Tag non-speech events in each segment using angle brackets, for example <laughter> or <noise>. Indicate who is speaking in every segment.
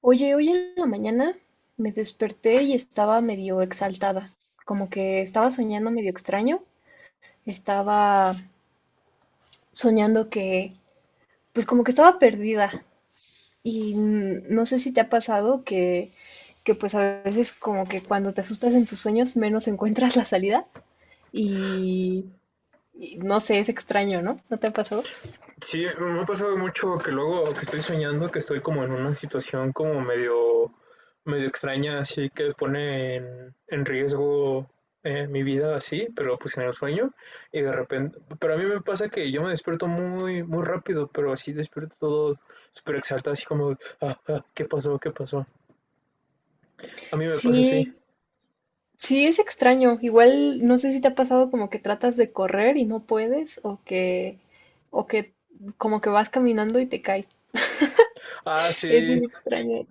Speaker 1: Oye, hoy en la mañana me desperté y estaba medio exaltada, como que estaba soñando medio extraño, estaba soñando que, pues como que estaba perdida y no sé si te ha pasado que pues a veces como que cuando te asustas en tus sueños menos <laughs> encuentras la salida y, y no sé, es extraño, ¿no? ¿No te ha pasado?
Speaker 2: Sí, me ha pasado mucho que luego que estoy soñando que estoy como en una situación como medio, medio extraña, así que pone en riesgo mi vida así, pero pues en el sueño y de repente, pero a mí me pasa que yo me despierto muy, muy rápido, pero así despierto todo súper exaltado, así como, ah, ah, ¿qué pasó? ¿Qué pasó? A mí me pasa así.
Speaker 1: Sí, sí, es extraño. Igual no sé si te ha pasado como que tratas de correr y no puedes, o que como que vas caminando y te cae.
Speaker 2: Ah,
Speaker 1: Es
Speaker 2: sí,
Speaker 1: bien extraño.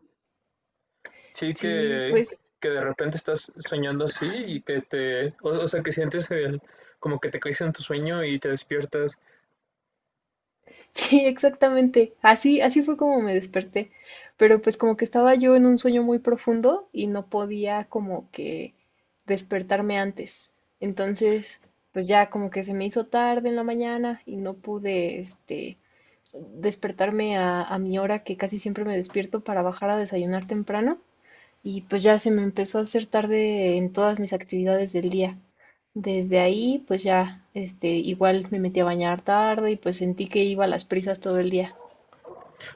Speaker 2: sí
Speaker 1: Sí, pues
Speaker 2: que
Speaker 1: <laughs>
Speaker 2: de repente estás soñando así y que te, o sea, que sientes el, como que te caes en tu sueño y te despiertas,
Speaker 1: sí, exactamente. Así, así fue como me desperté. Pero pues como que estaba yo en un sueño muy profundo y no podía como que despertarme antes. Entonces, pues ya como que se me hizo tarde en la mañana y no pude, despertarme a mi hora que casi siempre me despierto para bajar a desayunar temprano y pues ya se me empezó a hacer tarde en todas mis actividades del día. Desde ahí pues ya este igual me metí a bañar tarde y pues sentí que iba a las prisas todo el día.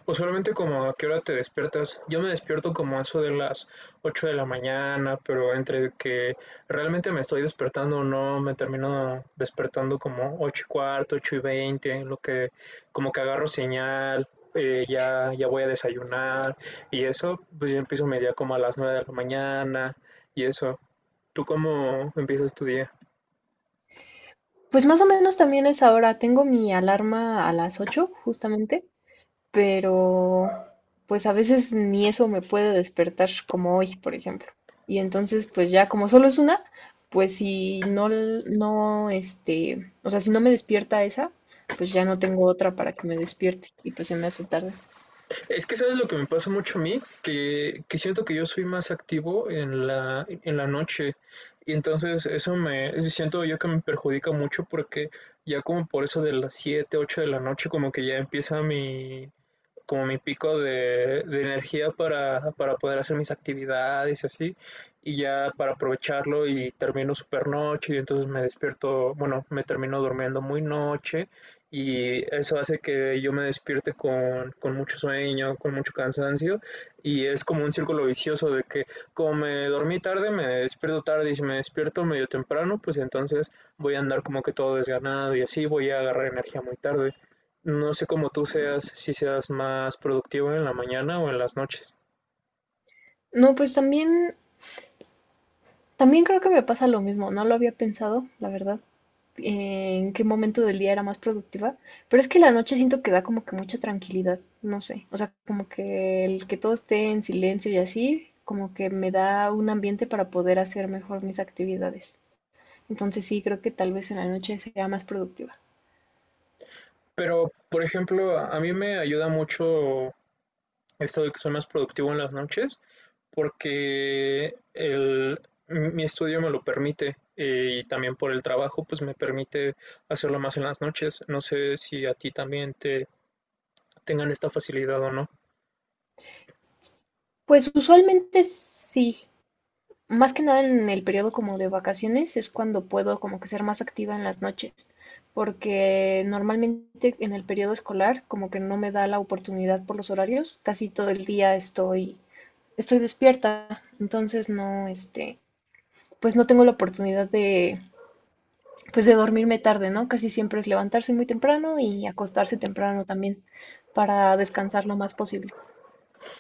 Speaker 2: o solamente como a qué hora te despiertas. Yo me despierto como a eso de las 8 de la mañana, pero entre que realmente me estoy despertando o no, me termino despertando como 8:15, 8:20 en lo que como que agarro señal. Ya, ya voy a desayunar y eso, pues yo empiezo mi día como a las 9 de la mañana y eso. ¿Tú cómo empiezas tu día?
Speaker 1: Pues más o menos también es ahora, tengo mi alarma a las 8 justamente, pero pues a veces ni eso me puede despertar, como hoy, por ejemplo. Y entonces, pues ya como solo es una, pues si no, no, este, o sea, si no me despierta esa, pues ya no tengo otra para que me despierte y pues se me hace tarde.
Speaker 2: Es que sabes lo que me pasa mucho a mí, que siento que yo soy más activo en la noche y entonces eso me siento yo que me perjudica mucho porque ya como por eso de las 7, 8 de la noche como que ya empieza mi como mi pico de energía para poder hacer mis actividades y así, y ya para aprovecharlo y termino super noche y entonces me despierto, bueno, me termino durmiendo muy noche y eso hace que yo me despierte con mucho sueño, con mucho cansancio y es como un círculo vicioso de que como me dormí tarde, me despierto tarde y si me despierto medio temprano, pues entonces voy a andar como que todo desganado y así voy a agarrar energía muy tarde. No sé cómo tú seas, si seas más productivo en la mañana o en las noches.
Speaker 1: No, pues también, también creo que me pasa lo mismo, no lo había pensado, la verdad. En qué momento del día era más productiva, pero es que la noche siento que da como que mucha tranquilidad, no sé, o sea, como que el que todo esté en silencio y así, como que me da un ambiente para poder hacer mejor mis actividades. Entonces sí, creo que tal vez en la noche sea más productiva.
Speaker 2: Pero, por ejemplo, a mí me ayuda mucho esto de que soy más productivo en las noches porque el, mi estudio me lo permite y también por el trabajo pues me permite hacerlo más en las noches. No sé si a ti también te tengan esta facilidad o no.
Speaker 1: Pues usualmente sí. Más que nada en el periodo como de vacaciones es cuando puedo como que ser más activa en las noches, porque normalmente en el periodo escolar como que no me da la oportunidad por los horarios, casi todo el día estoy despierta, entonces pues no tengo la oportunidad de pues de dormirme tarde, ¿no? Casi siempre es levantarse muy temprano y acostarse temprano también para descansar lo más posible.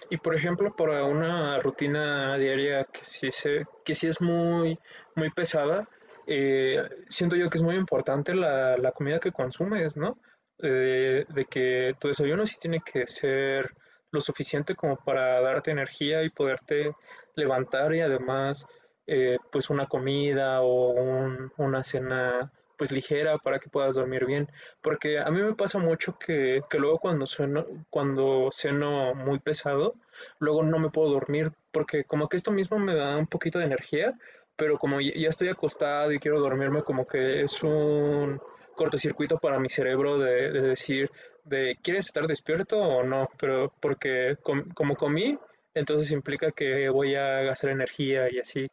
Speaker 2: Y por ejemplo, para una rutina diaria que sí, se, que sí es muy, muy pesada, eh, siento yo que es muy importante la comida que consumes, ¿no? De que tu desayuno sí tiene que ser lo suficiente como para darte energía y poderte levantar y además pues una comida o una cena pues ligera para que puedas dormir bien. Porque a mí me pasa mucho que luego cuando sueno, cuando ceno muy pesado, luego no me puedo dormir porque como que esto mismo me da un poquito de energía, pero como ya estoy acostado y quiero dormirme, como que es un cortocircuito para mi cerebro de decir, de, ¿quieres estar despierto o no? Pero porque como comí, entonces implica que voy a gastar energía y así.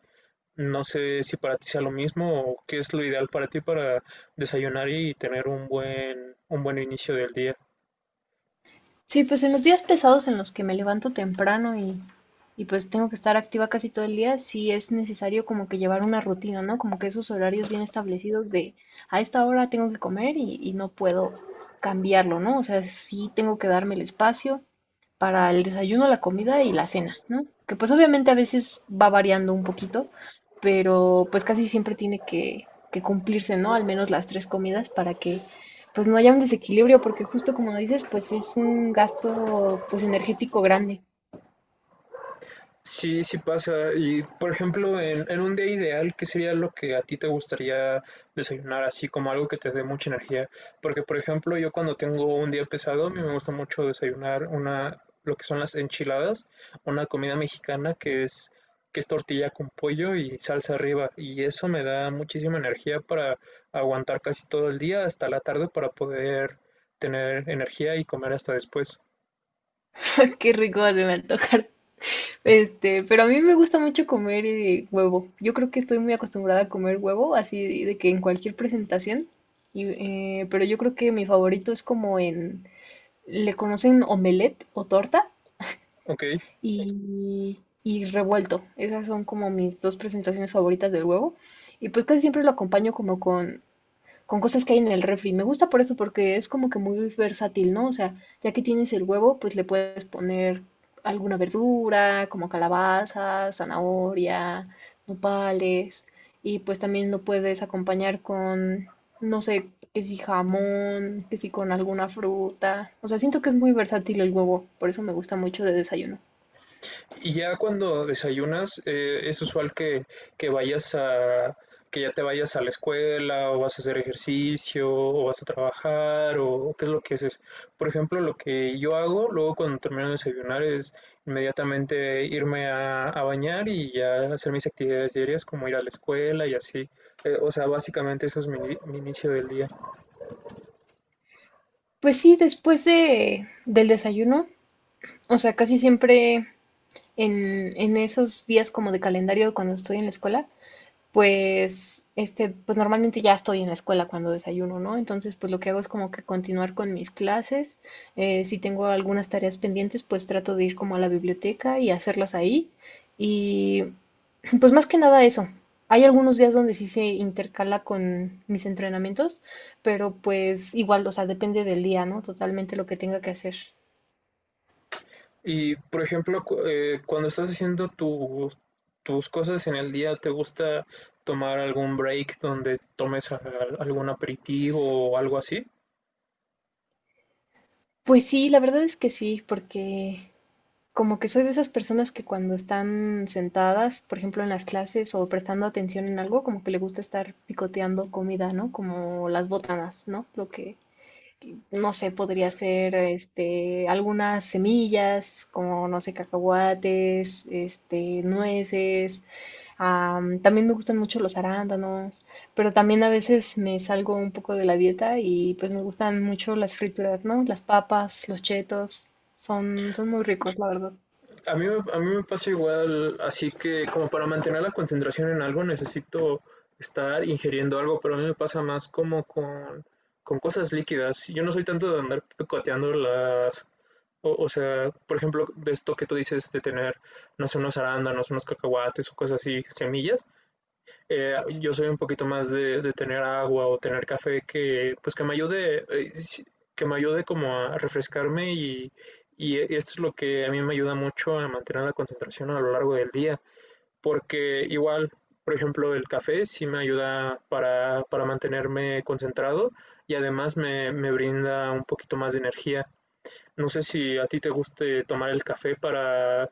Speaker 2: No sé si para ti sea lo mismo o qué es lo ideal para ti para desayunar y tener un buen inicio del día.
Speaker 1: Sí, pues en los días pesados en los que me levanto temprano y pues tengo que estar activa casi todo el día, sí es necesario como que llevar una rutina, ¿no? Como que esos horarios bien establecidos de a esta hora tengo que comer y no puedo cambiarlo, ¿no? O sea, sí tengo que darme el espacio para el desayuno, la comida y la cena, ¿no? Que pues obviamente a veces va variando un poquito, pero pues casi siempre tiene que cumplirse, ¿no? Al menos las tres comidas para que pues no haya un desequilibrio, porque justo como dices, pues es un gasto pues energético grande.
Speaker 2: Sí, sí pasa. Y por ejemplo, en un día ideal, ¿qué sería lo que a ti te gustaría desayunar? Así como algo que te dé mucha energía. Porque, por ejemplo, yo cuando tengo un día pesado, a mí me gusta mucho desayunar una, lo que son las enchiladas, una comida mexicana que es tortilla con pollo y salsa arriba. Y eso me da muchísima energía para aguantar casi todo el día hasta la tarde para poder tener energía y comer hasta después.
Speaker 1: <laughs> Qué rico se me antojar. Este, pero a mí me gusta mucho comer huevo. Yo creo que estoy muy acostumbrada a comer huevo, así de que en cualquier presentación. Y, pero yo creo que mi favorito es como en, le conocen omelette o torta
Speaker 2: ¿Ok?
Speaker 1: y revuelto. Esas son como mis dos presentaciones favoritas del huevo. Y pues casi siempre lo acompaño como con cosas que hay en el refri. Me gusta por eso, porque es como que muy versátil, ¿no? O sea, ya que tienes el huevo, pues le puedes poner alguna verdura, como calabaza, zanahoria, nopales, y pues también lo puedes acompañar con, no sé, que si jamón, que si con alguna fruta. O sea, siento que es muy versátil el huevo, por eso me gusta mucho de desayuno.
Speaker 2: Y ya cuando desayunas, es usual que vayas a, que ya te vayas a la escuela o vas a hacer ejercicio o vas a trabajar o qué es lo que haces. Por ejemplo, lo que yo hago luego cuando termino de desayunar es inmediatamente irme a bañar y ya hacer mis actividades diarias como ir a la escuela y así. O sea, básicamente eso es mi, mi inicio del día.
Speaker 1: Pues sí, del desayuno, o sea, casi siempre en esos días como de calendario cuando estoy en la escuela, pues, este, pues normalmente ya estoy en la escuela cuando desayuno, ¿no? Entonces, pues lo que hago es como que continuar con mis clases. Si tengo algunas tareas pendientes, pues trato de ir como a la biblioteca y hacerlas ahí. Y <clears throat> pues más que nada eso. Hay algunos días donde sí se intercala con mis entrenamientos, pero pues igual, o sea, depende del día, ¿no? Totalmente lo que tenga que hacer.
Speaker 2: Y, por ejemplo, cuando estás haciendo tus cosas en el día, ¿te gusta tomar algún break donde tomes algún aperitivo o algo así?
Speaker 1: Pues sí, la verdad es que sí, porque como que soy de esas personas que cuando están sentadas, por ejemplo, en las clases o prestando atención en algo, como que le gusta estar picoteando comida, ¿no? Como las botanas, ¿no? Lo que, no sé, podría ser, este, algunas semillas, como, no sé, cacahuates, este, nueces. También me gustan mucho los arándanos, pero también a veces me salgo un poco de la dieta y pues me gustan mucho las frituras, ¿no? Las papas, los chetos, son, son muy ricos, la verdad.
Speaker 2: A mí, a mí me pasa igual, así que como para mantener la concentración en algo necesito estar ingiriendo algo, pero a mí me pasa más como con cosas líquidas. Yo no soy tanto de andar picoteando las... O, o sea, por ejemplo, de esto que tú dices de tener, no sé, unos arándanos, unos cacahuates o cosas así, semillas. Yo soy un poquito más de tener agua o tener café que, pues que me ayude, que me ayude como a refrescarme y, y esto es lo que a mí me ayuda mucho a mantener la concentración a lo largo del día, porque igual, por ejemplo, el café sí me ayuda para mantenerme concentrado y además me, me brinda un poquito más de energía. No sé si a ti te guste tomar el café para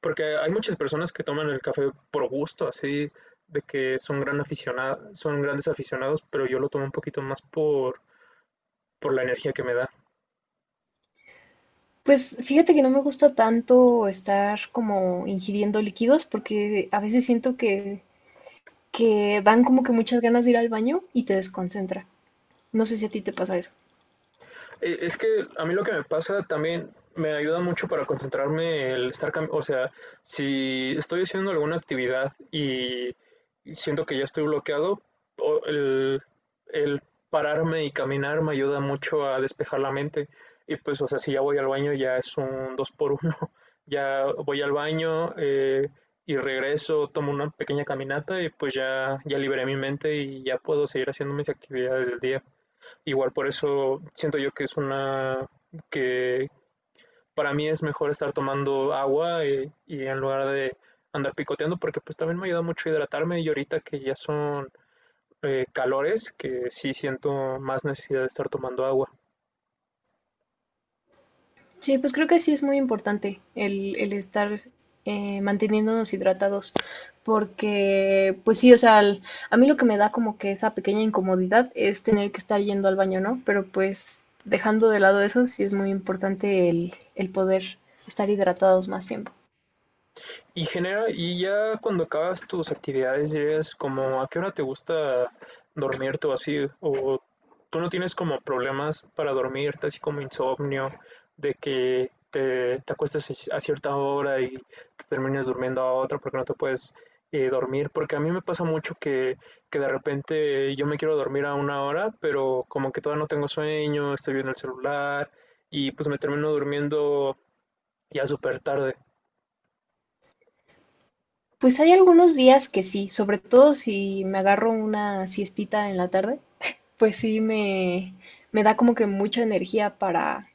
Speaker 2: porque hay muchas personas que toman el café por gusto, así de que son gran aficionado, son grandes aficionados, pero yo lo tomo un poquito más por la energía que me da.
Speaker 1: Pues fíjate que no me gusta tanto estar como ingiriendo líquidos porque a veces siento que dan como que muchas ganas de ir al baño y te desconcentra. No sé si a ti te pasa eso.
Speaker 2: Es que a mí lo que me pasa también me ayuda mucho para concentrarme el estar, o sea, si estoy haciendo alguna actividad y siento que ya estoy bloqueado, o- el, el pararme y caminar me ayuda mucho a despejar la mente. Y pues, o sea, si ya voy al baño ya es un dos por uno. <laughs> Ya voy al baño y regreso, tomo una pequeña caminata y pues ya, ya liberé mi mente y ya puedo seguir haciendo mis actividades del día. Igual por eso siento yo que es una que para mí es mejor estar tomando agua y en lugar de andar picoteando porque pues también me ayuda mucho a hidratarme y ahorita que ya son calores que sí siento más necesidad de estar tomando agua.
Speaker 1: Sí, pues creo que sí es muy importante el estar manteniéndonos hidratados porque pues sí, o sea, a mí lo que me da como que esa pequeña incomodidad es tener que estar yendo al baño, ¿no? Pero pues dejando de lado eso, sí es muy importante el poder estar hidratados más tiempo.
Speaker 2: Y genera, y ya cuando acabas tus actividades, dirías como a qué hora te gusta dormirte o así, o tú no tienes como problemas para dormirte, así como insomnio, de que te acuestas a cierta hora y te termines durmiendo a otra porque no te puedes dormir, porque a mí me pasa mucho que de repente yo me quiero dormir a una hora, pero como que todavía no tengo sueño, estoy viendo el celular y pues me termino durmiendo ya súper tarde.
Speaker 1: Pues hay algunos días que sí, sobre todo si me agarro una siestita en la tarde, pues sí me da como que mucha energía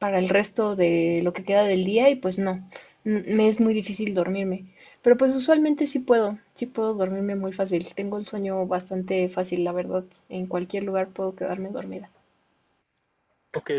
Speaker 1: para el resto de lo que queda del día y pues no, me es muy difícil dormirme. Pero pues usualmente sí puedo dormirme muy fácil. Tengo el sueño bastante fácil, la verdad. En cualquier lugar puedo quedarme dormida.
Speaker 2: Ok,